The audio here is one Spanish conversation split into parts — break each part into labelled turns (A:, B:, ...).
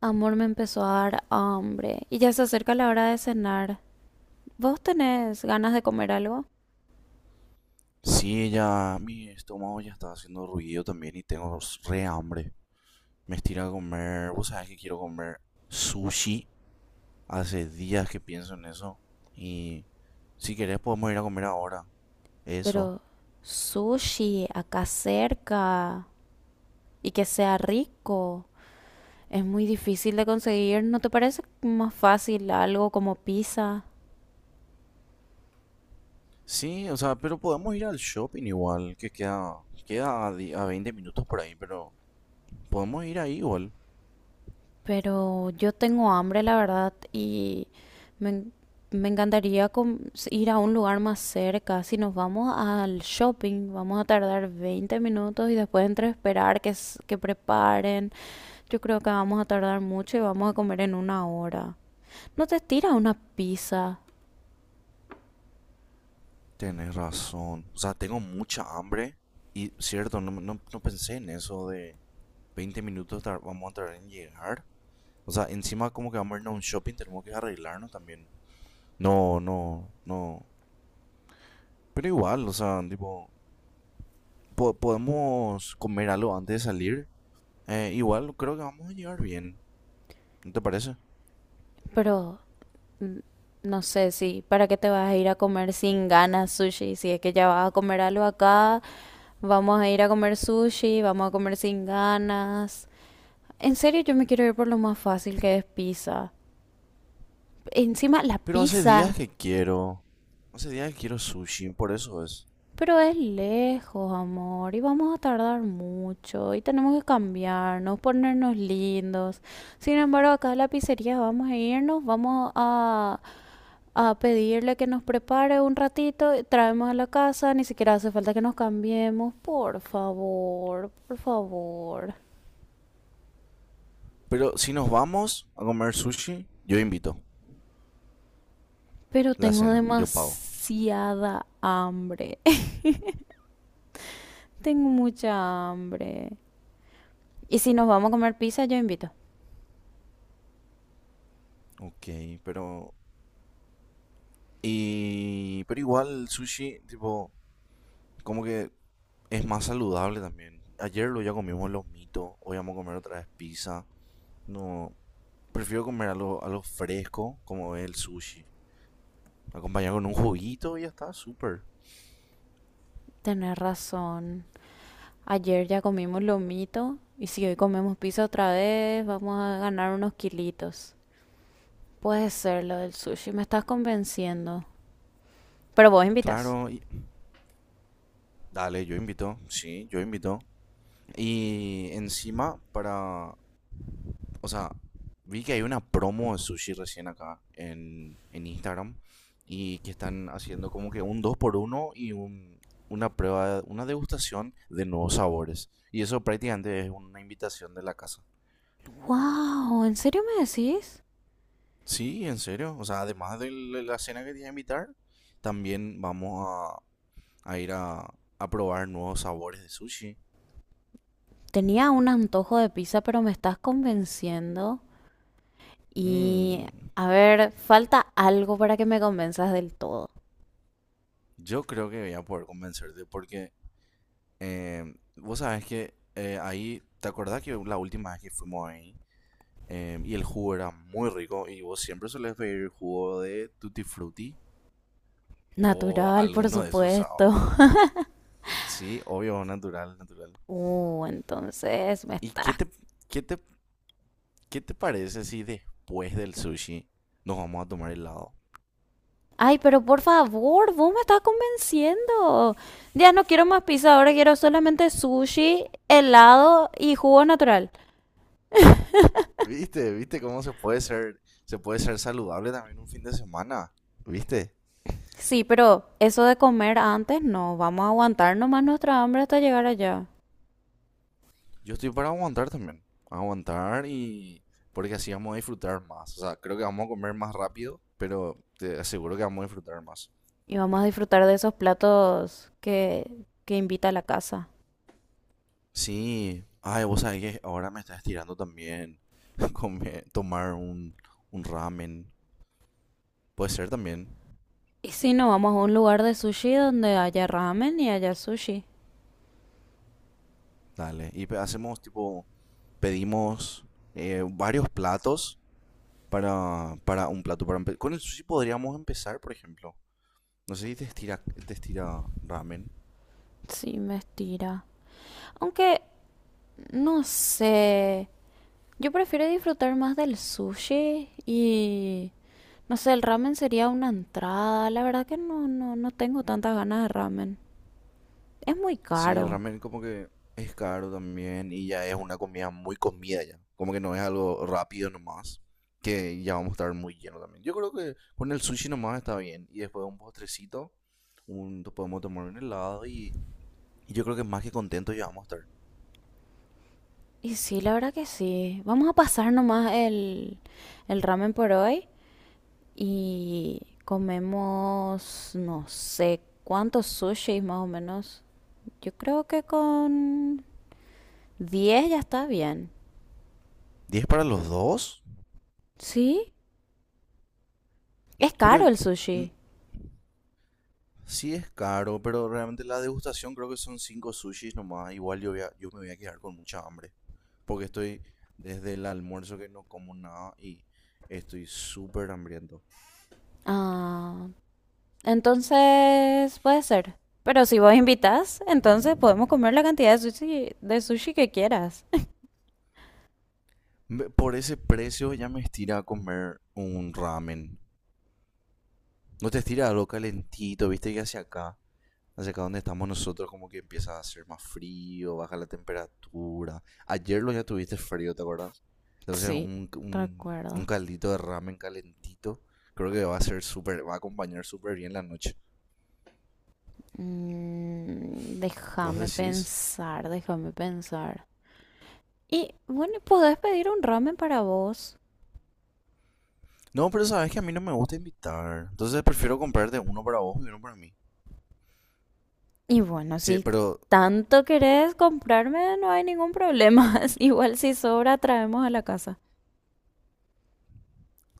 A: Amor, me empezó a dar hambre y ya se acerca la hora de cenar. ¿Vos tenés ganas de comer algo?
B: Sí, ya mi estómago ya está haciendo ruido también y tengo re hambre. Me estira a comer, vos sabés que quiero comer sushi. Hace días que pienso en eso. Y si querés podemos ir a comer ahora. Eso.
A: Pero sushi, acá cerca, y que sea rico. Es muy difícil de conseguir, ¿no te parece más fácil algo como pizza?
B: Sí, o sea, pero podemos ir al shopping igual, que queda, a 20 minutos por ahí, pero podemos ir ahí igual.
A: Pero yo tengo hambre, la verdad, y me, en- me encantaría ir a un lugar más cerca. Si nos vamos al shopping, vamos a tardar 20 minutos y después entre esperar que preparen. Yo creo que vamos a tardar mucho y vamos a comer en una hora. No te estira una pizza,
B: Tenés razón. O sea, tengo mucha hambre. Y cierto, no pensé en eso de vamos a tardar en llegar. O sea, encima como que vamos a irnos a un shopping, tenemos que arreglarnos también. No, no, no. Pero igual, o sea, tipo, podemos comer algo antes de salir. Igual creo que vamos a llegar bien, ¿no te parece?
A: pero no sé si, ¿para qué te vas a ir a comer sin ganas sushi? Si es que ya vas a comer algo acá, vamos a ir a comer sushi, vamos a comer sin ganas. En serio, yo me quiero ir por lo más fácil que es pizza. Encima, la
B: Pero hace
A: pizza.
B: días que quiero, hace días que quiero sushi, por eso es.
A: Pero es lejos, amor, y vamos a tardar mucho, y tenemos que cambiarnos, ponernos lindos. Sin embargo, acá a la pizzería vamos a irnos, vamos a pedirle que nos prepare un ratito, y traemos a la casa, ni siquiera hace falta que nos cambiemos. Por favor, por favor.
B: Pero si nos vamos a comer sushi, yo invito
A: Pero
B: la
A: tengo
B: cena, yo pago.
A: demasiada hambre. Tengo mucha hambre. Y si nos vamos a comer pizza, yo invito.
B: Ok, pero... Y... Pero igual sushi, tipo... como que es más saludable también. Ayer lo ya comimos los mitos, hoy vamos a comer otra vez pizza. No, prefiero comer algo, algo fresco como es el sushi. Acompañado con un juguito y ya está, súper.
A: Tenés razón. Ayer ya comimos lomito. Y si hoy comemos pizza otra vez, vamos a ganar unos kilitos. Puede ser lo del sushi, me estás convenciendo. Pero vos invitas.
B: Claro, dale, yo invito, sí, yo invito. Y encima, para o sea, vi que hay una promo de sushi recién acá en Instagram y que están haciendo como que un 2 por 1 una prueba, una degustación de nuevos sabores. Y eso prácticamente es una invitación de la casa.
A: ¡Wow! ¿En serio me decís?
B: Sí, en serio. O sea, además de la cena que te iba a invitar, también vamos a ir a probar nuevos sabores de sushi.
A: Tenía un antojo de pizza, pero me estás convenciendo. Y
B: Mm,
A: a ver, falta algo para que me convenzas del todo.
B: yo creo que voy a poder convencerte porque vos sabés que ahí, ¿te acordás que la última vez que fuimos ahí? Y el jugo era muy rico y vos siempre solés pedir jugo de Tutti Frutti o
A: Natural, por
B: alguno de esos. Ah,
A: supuesto.
B: sí, obvio, natural, natural.
A: Entonces me
B: ¿Y
A: estás.
B: qué te, qué te parece si después del sushi nos vamos a tomar helado?
A: Ay, pero por favor, vos me estás convenciendo. Ya no quiero más pizza, ahora quiero solamente sushi, helado y jugo natural.
B: ¿Viste? ¿Viste cómo se puede ser saludable también un fin de semana? ¿Viste?
A: Sí, pero eso de comer antes no, vamos a aguantar nomás nuestra hambre hasta llegar allá.
B: Yo estoy para aguantar también. Aguantar y. Porque así vamos a disfrutar más. O sea, creo que vamos a comer más rápido, pero te aseguro que vamos a disfrutar más.
A: Y vamos a disfrutar de esos platos que invita a la casa.
B: Sí. Ay, vos sabés que ahora me estás estirando también. Tomar un ramen. Puede ser también.
A: Y si no, vamos a un lugar de sushi donde haya ramen y haya sushi.
B: Dale. Hacemos tipo. Pedimos varios platos para un plato. Con el sushi podríamos empezar, por ejemplo. No sé si te estira, te estira ramen.
A: Sí, me estira. Aunque, no sé, yo prefiero disfrutar más del sushi y no sé, el ramen sería una entrada. La verdad que no, no, no tengo tantas ganas de ramen. Es muy
B: Sí, el
A: caro.
B: ramen como que es caro también y ya es una comida muy comida ya. Como que no es algo rápido nomás, que ya vamos a estar muy lleno también. Yo creo que con el sushi nomás está bien y después un postrecito, podemos tomar un helado y yo creo que más que contento ya vamos a estar.
A: Y sí, la verdad que sí. Vamos a pasar nomás el ramen por hoy y comemos, no sé, cuántos sushis más o menos. Yo creo que con 10 ya está bien.
B: ¿10 para los dos,
A: ¿Sí? Es
B: pero
A: caro el
B: mm,
A: sushi.
B: sí es caro, pero realmente la degustación creo que son 5 sushis nomás. Igual yo, yo me voy a quedar con mucha hambre. Porque estoy desde el almuerzo que no como nada y estoy súper hambriento.
A: Ah, entonces, puede ser. Pero si vos invitas, entonces podemos comer la cantidad de sushi que quieras.
B: Por ese precio ya me estira a comer un ramen. No te estira algo calentito, viste que hacia acá donde estamos nosotros, como que empieza a hacer más frío, baja la temperatura. Ayer lo ya tuviste frío, ¿te acuerdas? Entonces
A: Sí,
B: un
A: recuerdo.
B: caldito de ramen calentito, creo que va a ser súper, va a acompañar súper bien la noche. ¿Vos
A: Déjame
B: decís?
A: pensar, déjame pensar. Y bueno, podés pedir un ramen para vos.
B: No, pero sabes que a mí no me gusta invitar. Entonces prefiero comprarte uno para vos y uno para mí.
A: Y bueno,
B: Sí,
A: si
B: pero
A: tanto querés comprarme, no hay ningún problema. Igual si sobra, traemos a la casa.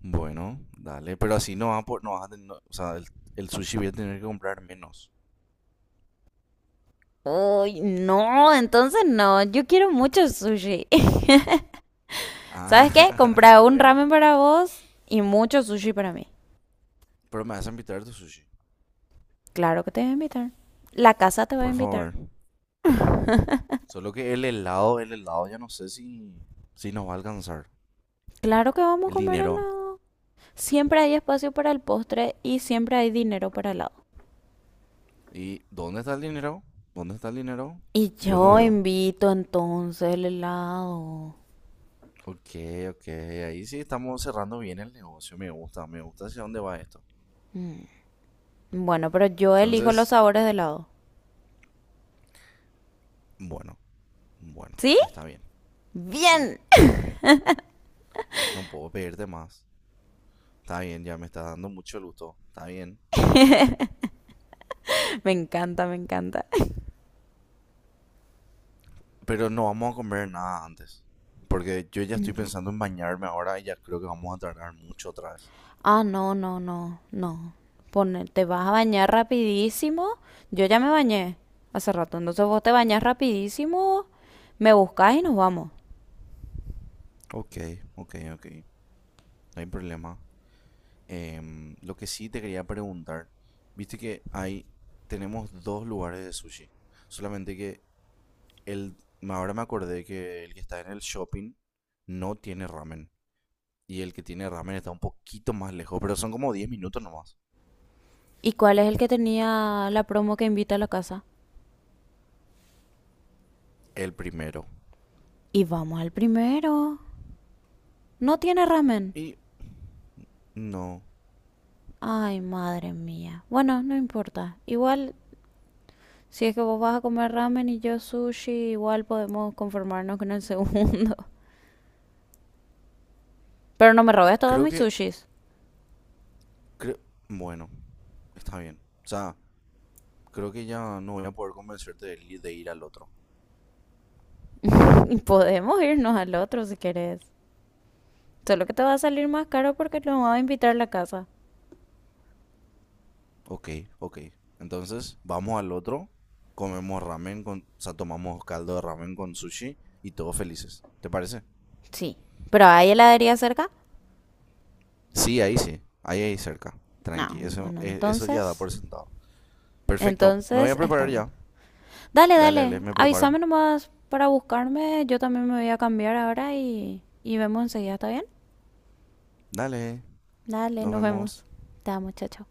B: bueno, dale. Pero así no vas a, no vas a tener, o sea, el sushi voy a tener que comprar menos.
A: Ay, no, entonces no. Yo quiero mucho sushi. ¿Sabes qué?
B: Ah,
A: Comprar un
B: buena.
A: ramen para vos y mucho sushi para mí.
B: Pero me vas a invitar a tu sushi,
A: Claro que te voy a invitar. La casa te va a
B: por
A: invitar.
B: favor. Solo que el helado, ya no sé si, si nos va a alcanzar.
A: Claro que vamos a
B: El
A: comer
B: dinero.
A: helado. Siempre hay espacio para el postre y siempre hay dinero para helado.
B: ¿Y dónde está el dinero? ¿Dónde está el dinero?
A: Y
B: Yo no
A: yo
B: veo.
A: invito entonces el helado.
B: Ok, ok, ahí sí estamos cerrando bien el negocio. Me gusta hacia dónde va esto.
A: Bueno, pero yo elijo los
B: Entonces,
A: sabores de helado.
B: bueno, bueno,
A: ¿Sí?
B: está bien. Sí,
A: Bien.
B: está bien. No puedo pedirte más. Está bien, ya me está dando mucho gusto. Está bien.
A: Me encanta, me encanta.
B: Pero no vamos a comer nada antes. Porque yo ya estoy
A: No.
B: pensando en bañarme ahora y ya creo que vamos a tardar mucho otra vez.
A: Ah, no, no, no, no. Te vas a bañar rapidísimo. Yo ya me bañé hace rato, entonces vos te bañas rapidísimo, me buscás y nos vamos.
B: Ok, ok, ok. No hay problema. Lo que sí te quería preguntar, viste que hay, tenemos dos lugares de sushi. Solamente que el, ahora me acordé que el que está en el shopping no tiene ramen. Y el que tiene ramen está un poquito más lejos, pero son como 10 minutos nomás.
A: ¿Y cuál es el que tenía la promo que invita a la casa?
B: El primero.
A: Y vamos al primero. No tiene ramen.
B: Y no,
A: Ay, madre mía. Bueno, no importa. Igual, si es que vos vas a comer ramen y yo sushi, igual podemos conformarnos con el segundo. Pero no me robes todos
B: creo
A: mis
B: que,
A: sushis.
B: creo, bueno, está bien. O sea, creo que ya no voy a poder convencerte de, de ir al otro.
A: Y podemos irnos al otro si querés. Solo que te va a salir más caro porque lo va a invitar a la casa.
B: Ok, ok. Entonces, vamos al otro, comemos ramen con, o sea, tomamos caldo de ramen con sushi y todos felices. ¿Te parece?
A: Sí. ¿Pero hay heladería cerca?
B: Sí, ahí ahí cerca. Tranqui,
A: No.
B: eso,
A: Bueno,
B: eso ya da
A: entonces.
B: por sentado. Perfecto, me voy a
A: Entonces
B: preparar
A: estamos.
B: ya.
A: Dale,
B: Dale, dale,
A: dale.
B: me preparo.
A: Avísame nomás para buscarme. Yo también me voy a cambiar ahora y vemos enseguida, ¿está bien?
B: Dale,
A: Dale,
B: nos
A: nos vemos.
B: vemos.
A: Te amo, chao, chao.